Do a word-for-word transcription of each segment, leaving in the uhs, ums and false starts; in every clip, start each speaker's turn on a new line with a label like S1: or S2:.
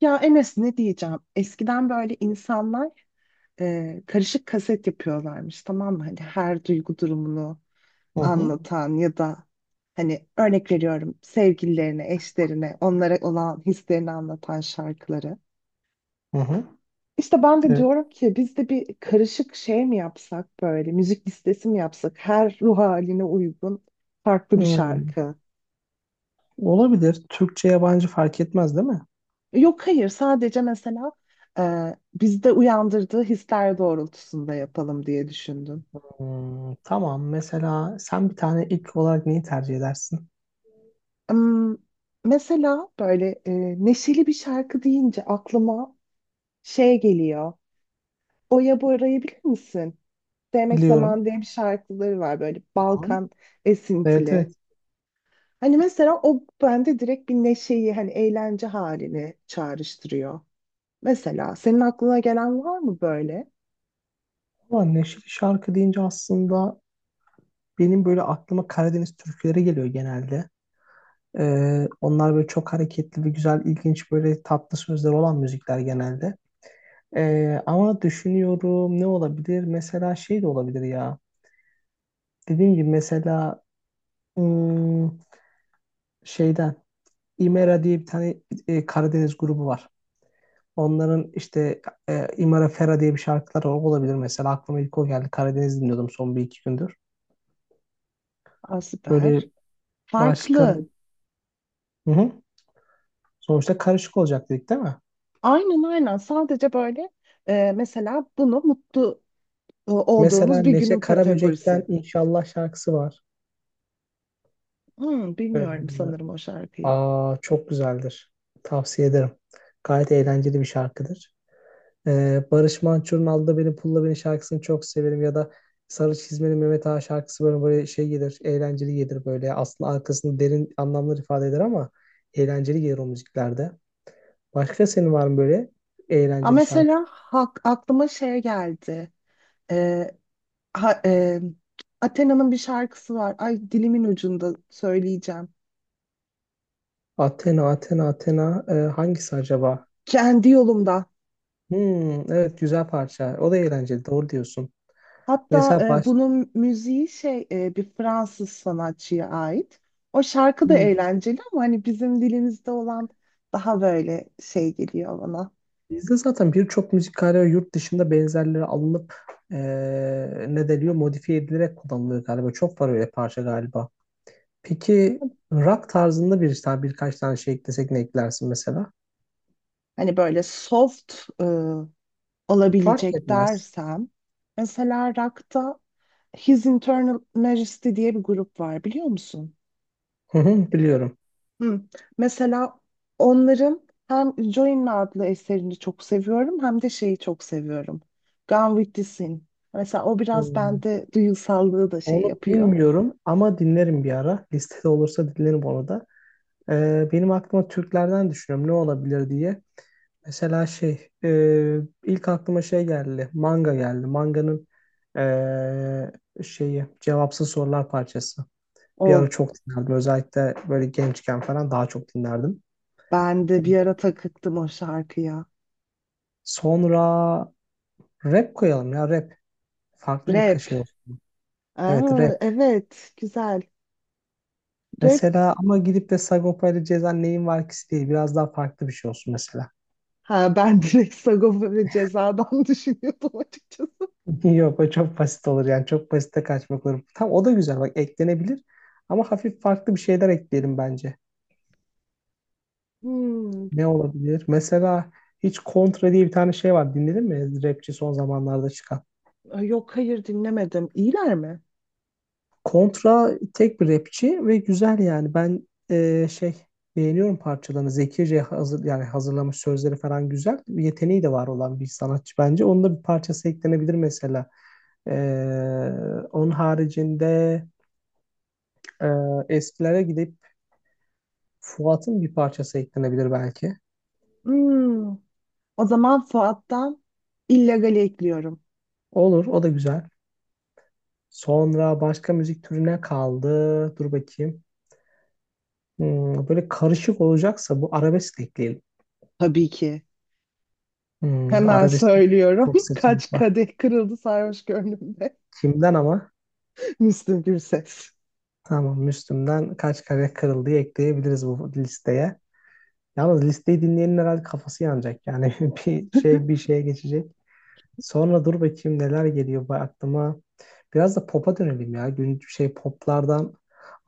S1: Ya Enes ne diyeceğim? Eskiden böyle insanlar e, karışık kaset yapıyorlarmış, tamam mı? Hani her duygu durumunu
S2: Hı hı.
S1: anlatan ya da hani örnek veriyorum, sevgililerine, eşlerine, onlara olan hislerini anlatan şarkıları.
S2: Hı hı.
S1: İşte ben de
S2: Evet.
S1: diyorum ki biz de bir karışık şey mi yapsak, böyle müzik listesi mi yapsak her ruh haline uygun farklı bir
S2: Hmm,
S1: şarkı.
S2: Olabilir. Türkçe yabancı fark etmez değil mi?
S1: Yok, hayır, sadece mesela e, bizde uyandırdığı hisler doğrultusunda yapalım diye düşündüm.
S2: Hmm, tamam. Mesela sen bir tane ilk olarak neyi tercih edersin?
S1: Im, Mesela böyle e, neşeli bir şarkı deyince aklıma şey geliyor. Oya Bora'yı bilir misin? Sevmek
S2: Biliyorum.
S1: Zaman diye bir şarkıları var, böyle
S2: Tamam.
S1: Balkan
S2: Evet
S1: esintili.
S2: evet.
S1: Hani mesela o bende direkt bir neşeyi, hani eğlence halini çağrıştırıyor. Mesela senin aklına gelen var mı böyle?
S2: Ama neşeli şarkı deyince aslında benim böyle aklıma Karadeniz türküleri geliyor genelde. Ee, onlar böyle çok hareketli ve güzel, ilginç böyle tatlı sözler olan müzikler genelde. Ee, ama düşünüyorum ne olabilir? Mesela şey de olabilir ya. Dediğim gibi mesela hmm, şeyden İmera diye bir tane e, Karadeniz grubu var. Onların işte e, İmara Fera diye bir şarkıları olabilir mesela. Aklıma ilk o geldi. Karadeniz dinliyordum son bir iki gündür.
S1: Aa,
S2: Böyle
S1: süper.
S2: başka...
S1: Farklı.
S2: Hı hı. Sonuçta karışık olacak dedik değil mi?
S1: Aynen, aynen. Sadece böyle e, mesela bunu mutlu e,
S2: Mesela
S1: olduğumuz bir günün
S2: Neşe Karaböcek'ten
S1: kategorisi.
S2: İnşallah şarkısı var.
S1: Hmm, bilmiyorum,
S2: Ee,
S1: sanırım o şarkıyı.
S2: Aa, çok güzeldir. Tavsiye ederim. Gayet eğlenceli bir şarkıdır. Ee, Barış Manço'nun Alda Beni Pulla Beni şarkısını çok severim ya da Sarı Çizmeli Mehmet Ağa şarkısı böyle, böyle şey gelir, eğlenceli gelir böyle. Aslında arkasında derin anlamlar ifade eder ama eğlenceli gelir o müziklerde. Başka senin var mı böyle
S1: Aa,
S2: eğlenceli şarkı?
S1: mesela hak, aklıma şey geldi. E, ha- e, Athena'nın bir şarkısı var. Ay, dilimin ucunda, söyleyeceğim.
S2: Athena, Athena, Athena e, hangisi acaba?
S1: Kendi yolumda.
S2: Hmm, evet güzel parça. O da eğlenceli. Doğru diyorsun.
S1: Hatta
S2: Mesela
S1: e,
S2: baş...
S1: bunun müziği şey, e, bir Fransız sanatçıya ait. O şarkı da
S2: Hmm.
S1: eğlenceli ama hani bizim dilimizde olan daha böyle şey geliyor bana.
S2: Bizde zaten birçok müzikkale ve yurt dışında benzerleri alınıp eee ne deniyor modifiye edilerek kullanılıyor galiba. Çok var öyle parça galiba. Peki rock tarzında bir tane birkaç tane şey eklesek ne eklersin mesela?
S1: Hani böyle soft e,
S2: Fark
S1: olabilecek
S2: etmez.
S1: dersem. Mesela rock'ta His Internal Majesty diye bir grup var, biliyor musun?
S2: Hı hı, biliyorum.
S1: Hı. Mesela onların hem Join adlı eserini çok seviyorum hem de şeyi çok seviyorum. Gone with the Sin. Mesela o biraz
S2: Hmm,
S1: bende duygusallığı da şey
S2: Onu
S1: yapıyor.
S2: bilmiyorum ama dinlerim bir ara. Listede olursa dinlerim onu da. Ee, benim aklıma Türklerden düşünüyorum ne olabilir diye. Mesela şey e, ilk aklıma şey geldi. Manga geldi. Manganın e, şeyi cevapsız sorular parçası. Bir
S1: O
S2: ara çok dinlerdim. Özellikle böyle gençken falan daha çok dinlerdim.
S1: ben de bir ara takıktım o şarkıya.
S2: Sonra rap koyalım ya rap. Farklı bir ka-
S1: Rap.
S2: şey olsun. Evet
S1: Aa,
S2: rap.
S1: evet, güzel. Rap.
S2: Mesela ama gidip de Sagopa ile Ceza neyin var ki değil. Biraz daha farklı bir şey olsun mesela.
S1: Ha, ben direkt Sagopa ve Ceza'dan düşünüyordum açıkçası.
S2: Yok o çok basit olur yani çok basite kaçmak olur. Tam o da güzel bak eklenebilir ama hafif farklı bir şeyler ekleyelim bence.
S1: Hmm.
S2: Ne olabilir? Mesela hiç Kontra diye bir tane şey var dinledin mi? Rapçi son zamanlarda çıkan.
S1: Ay, yok, hayır, dinlemedim. İyiler mi?
S2: Kontra tek bir rapçi ve güzel yani ben e, şey beğeniyorum parçalarını. Zekice hazır, yani hazırlamış sözleri falan güzel. Bir yeteneği de var olan bir sanatçı bence. Onun da bir parçası eklenebilir mesela. Ee, Onun haricinde e, eskilere gidip Fuat'ın bir parçası eklenebilir belki.
S1: Hmm. O zaman Fuat'tan illegali ekliyorum.
S2: Olur, o da güzel. Sonra başka müzik türüne kaldı. Dur bakayım. Hmm, böyle karışık olacaksa bu arabesk ekleyelim.
S1: Tabii ki.
S2: Hmm,
S1: Hemen
S2: arabesk
S1: söylüyorum.
S2: çok
S1: Kaç
S2: seçenek var.
S1: kadeh kırıldı sarhoş gönlümde.
S2: Kimden ama?
S1: Müslüm Gürses.
S2: Tamam, Müslüm'den kaç kare kırıldı ekleyebiliriz bu listeye. Yalnız listeyi dinleyenin herhalde kafası yanacak. Yani bir şey bir şeye geçecek. Sonra dur bakayım neler geliyor bu aklıma. Biraz da pop'a dönelim ya. Gün şey poplardan.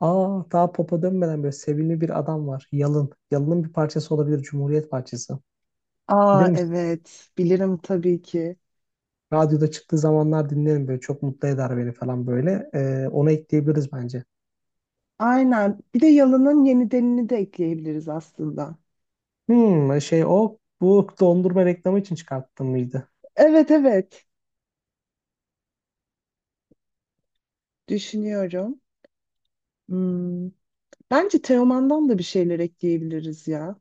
S2: Aa daha pop'a dönmeden böyle sevimli bir adam var. Yalın. Yalın'ın bir parçası olabilir. Cumhuriyet parçası.
S1: Aa,
S2: Bilir misin?
S1: evet. Bilirim tabii ki.
S2: Radyoda çıktığı zamanlar dinlerim böyle. Çok mutlu eder beni falan böyle. Ee, ona ekleyebiliriz bence.
S1: Aynen. Bir de Yalın'ın Yenidenini de ekleyebiliriz aslında.
S2: Hmm şey o bu dondurma reklamı için çıkarttım mıydı?
S1: Evet, evet. Düşünüyorum. Hmm. Bence Teoman'dan da bir şeyler ekleyebiliriz ya.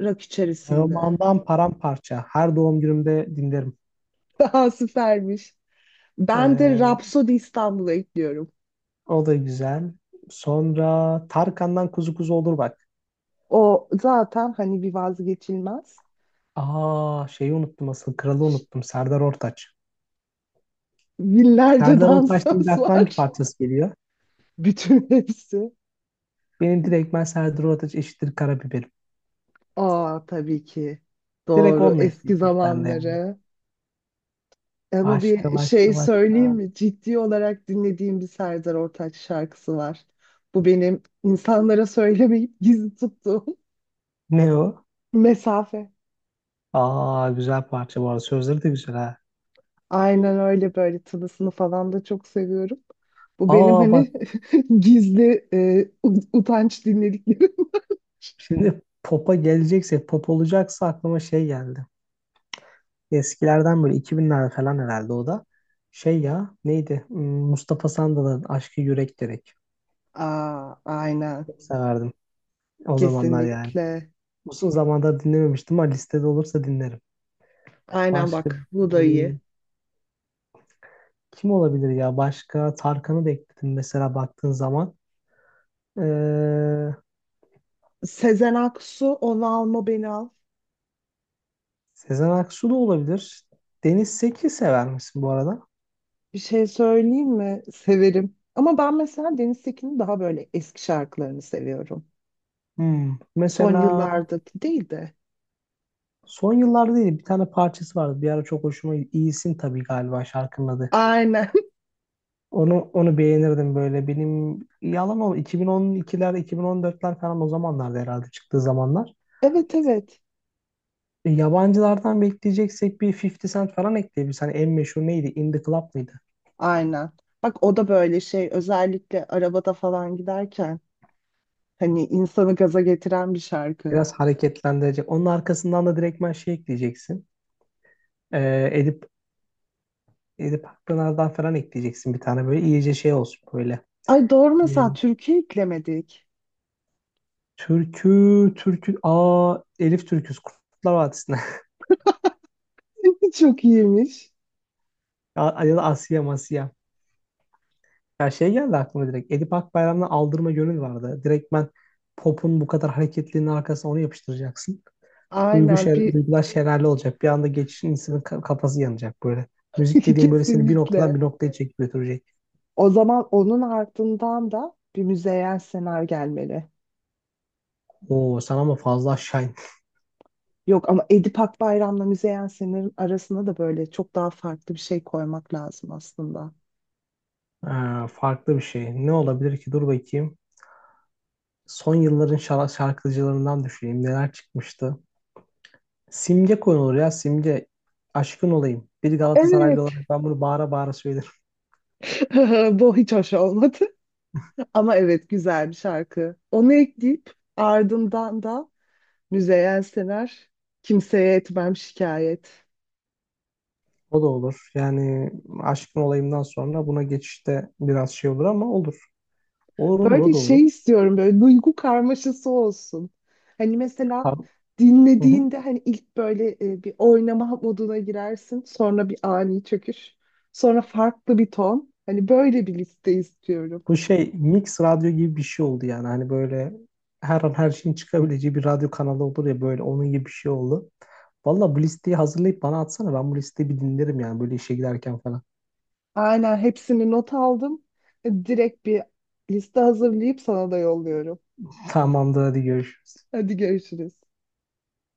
S1: Rock içerisinde.
S2: Teoman'dan paramparça. Her doğum günümde dinlerim.
S1: Daha süpermiş. Ben de
S2: Ee,
S1: Rhapsody İstanbul'a ekliyorum.
S2: O da güzel. Sonra Tarkan'dan Kuzu Kuzu olur bak.
S1: O zaten hani bir vazgeçilmez.
S2: Aa şeyi unuttum asıl. Kralı unuttum. Serdar Ortaç.
S1: Binlerce
S2: Serdar Ortaç deyince
S1: dansöz
S2: aklına
S1: var.
S2: hangi parçası geliyor?
S1: Bütün hepsi.
S2: Benim direkt ben Serdar Ortaç eşittir karabiberim.
S1: Aa, tabii ki.
S2: Direkt
S1: Doğru.
S2: onunla
S1: Eski
S2: eşitmiş bende yani.
S1: zamanları. Ama
S2: Başka
S1: bir şey
S2: başka
S1: söyleyeyim
S2: başka.
S1: mi? Ciddi olarak dinlediğim bir Serdar Ortaç şarkısı var. Bu benim insanlara söylemeyip gizli tuttuğum
S2: Ne o?
S1: mesafe.
S2: Aa güzel parça bu arada. Sözleri de güzel ha.
S1: Aynen öyle, böyle tılısını falan da çok seviyorum. Bu benim
S2: Aa bak
S1: hani gizli e, ut- utanç dinlediklerim.
S2: şimdi pop'a gelecekse pop olacaksa aklıma şey geldi. Eskilerden böyle iki binlerde falan herhalde o da. Şey ya neydi? Hmm, Mustafa Sandal'ın Aşkı Yürek Gerek.
S1: Aa, aynen.
S2: Çok severdim o zamanlar yani.
S1: Kesinlikle.
S2: Uzun zamandır dinlememiştim ama listede olursa dinlerim.
S1: Aynen
S2: Başka
S1: bak, bu da iyi.
S2: hmm, kim olabilir ya? Başka Tarkan'ı da ekledim mesela baktığın zaman. Ee,
S1: Sezen Aksu, Onu Alma Beni Al.
S2: Sezen Aksu da olabilir. Deniz Seki sever misin bu arada?
S1: Bir şey söyleyeyim mi? Severim. Ama ben mesela Deniz Tekin'in daha böyle eski şarkılarını seviyorum.
S2: Hmm.
S1: Son
S2: Mesela
S1: yıllardaki değil de.
S2: son yıllarda değil bir tane parçası vardı. Bir ara çok hoşuma İyisin tabii galiba şarkının adı.
S1: Aynen.
S2: Onu onu beğenirdim böyle. Benim yalan ol iki bin on ikiler iki bin on dörtler falan o zamanlarda herhalde çıktığı zamanlar.
S1: Evet, evet.
S2: E, Yabancılardan bekleyeceksek bir elli Cent falan ekleyebiliriz. Hani en meşhur neydi? In the Club mıydı?
S1: Aynen. Bak, o da böyle şey, özellikle arabada falan giderken, hani insanı gaza getiren bir şarkı.
S2: Biraz hareketlendirecek. Onun arkasından da direktmen şey ekleyeceksin. E, Edip, Edip Akpınar'dan falan ekleyeceksin bir tane böyle. İyice şey olsun böyle.
S1: Ay, doğru,
S2: E,
S1: mesela türkü eklemedik.
S2: Türkü, türkü. Aa Elif Türküs. Kurtlar Vadisi'nden.
S1: Çok iyiymiş.
S2: Ya ya da Asiye Masiye. Ya şey geldi aklıma direkt. Edip Akbayram'dan Aldırma Gönül vardı. Direktmen popun bu kadar hareketliliğinin arkasına onu yapıştıracaksın. Duygu
S1: Aynen
S2: şer,
S1: bir
S2: duygular şelale olacak. Bir anda geçişin insanın ka- kafası yanacak böyle. Müzik dediğim böyle seni bir noktadan
S1: kesinlikle.
S2: bir noktaya çekip götürecek.
S1: O zaman onun ardından da bir Müzeyyen Senar gelmeli.
S2: Oo sen ama fazla aşağı in-
S1: Yok, ama Edip Akbayram'la Müzeyyen Senar'ın arasına da böyle çok daha farklı bir şey koymak lazım aslında.
S2: Ee, farklı bir şey. Ne olabilir ki? Dur bakayım. Son yılların şar- şarkıcılarından düşüneyim. Neler çıkmıştı? Simge konulur ya. Simge. Aşkın olayım. Bir Galatasaraylı
S1: Evet.
S2: olarak ben bunu bağıra bağıra söylerim.
S1: Bu hiç hoş olmadı. Ama evet, güzel bir şarkı. Onu ekleyip ardından da Müzeyyen Senar, kimseye etmem şikayet.
S2: O da olur. Yani aşkın olayımdan sonra buna geçişte biraz şey olur ama olur. Olur olur o
S1: Böyle
S2: da olur.
S1: şey istiyorum, böyle duygu karmaşası olsun. Hani mesela
S2: Ha- Hı hı.
S1: dinlediğinde hani ilk böyle e, bir oynama moduna girersin. Sonra bir ani çöküş. Sonra farklı bir ton. Hani böyle bir liste istiyorum.
S2: Bu şey mix radyo gibi bir şey oldu yani. Hani böyle her an her şeyin çıkabileceği bir radyo kanalı olur ya böyle onun gibi bir şey oldu. Valla bu listeyi hazırlayıp bana atsana. Ben bu listeyi bir dinlerim yani böyle işe giderken falan.
S1: Aynen, hepsini not aldım. E, Direkt bir liste hazırlayıp sana da yolluyorum.
S2: Tamamdır hadi görüşürüz.
S1: Hadi görüşürüz.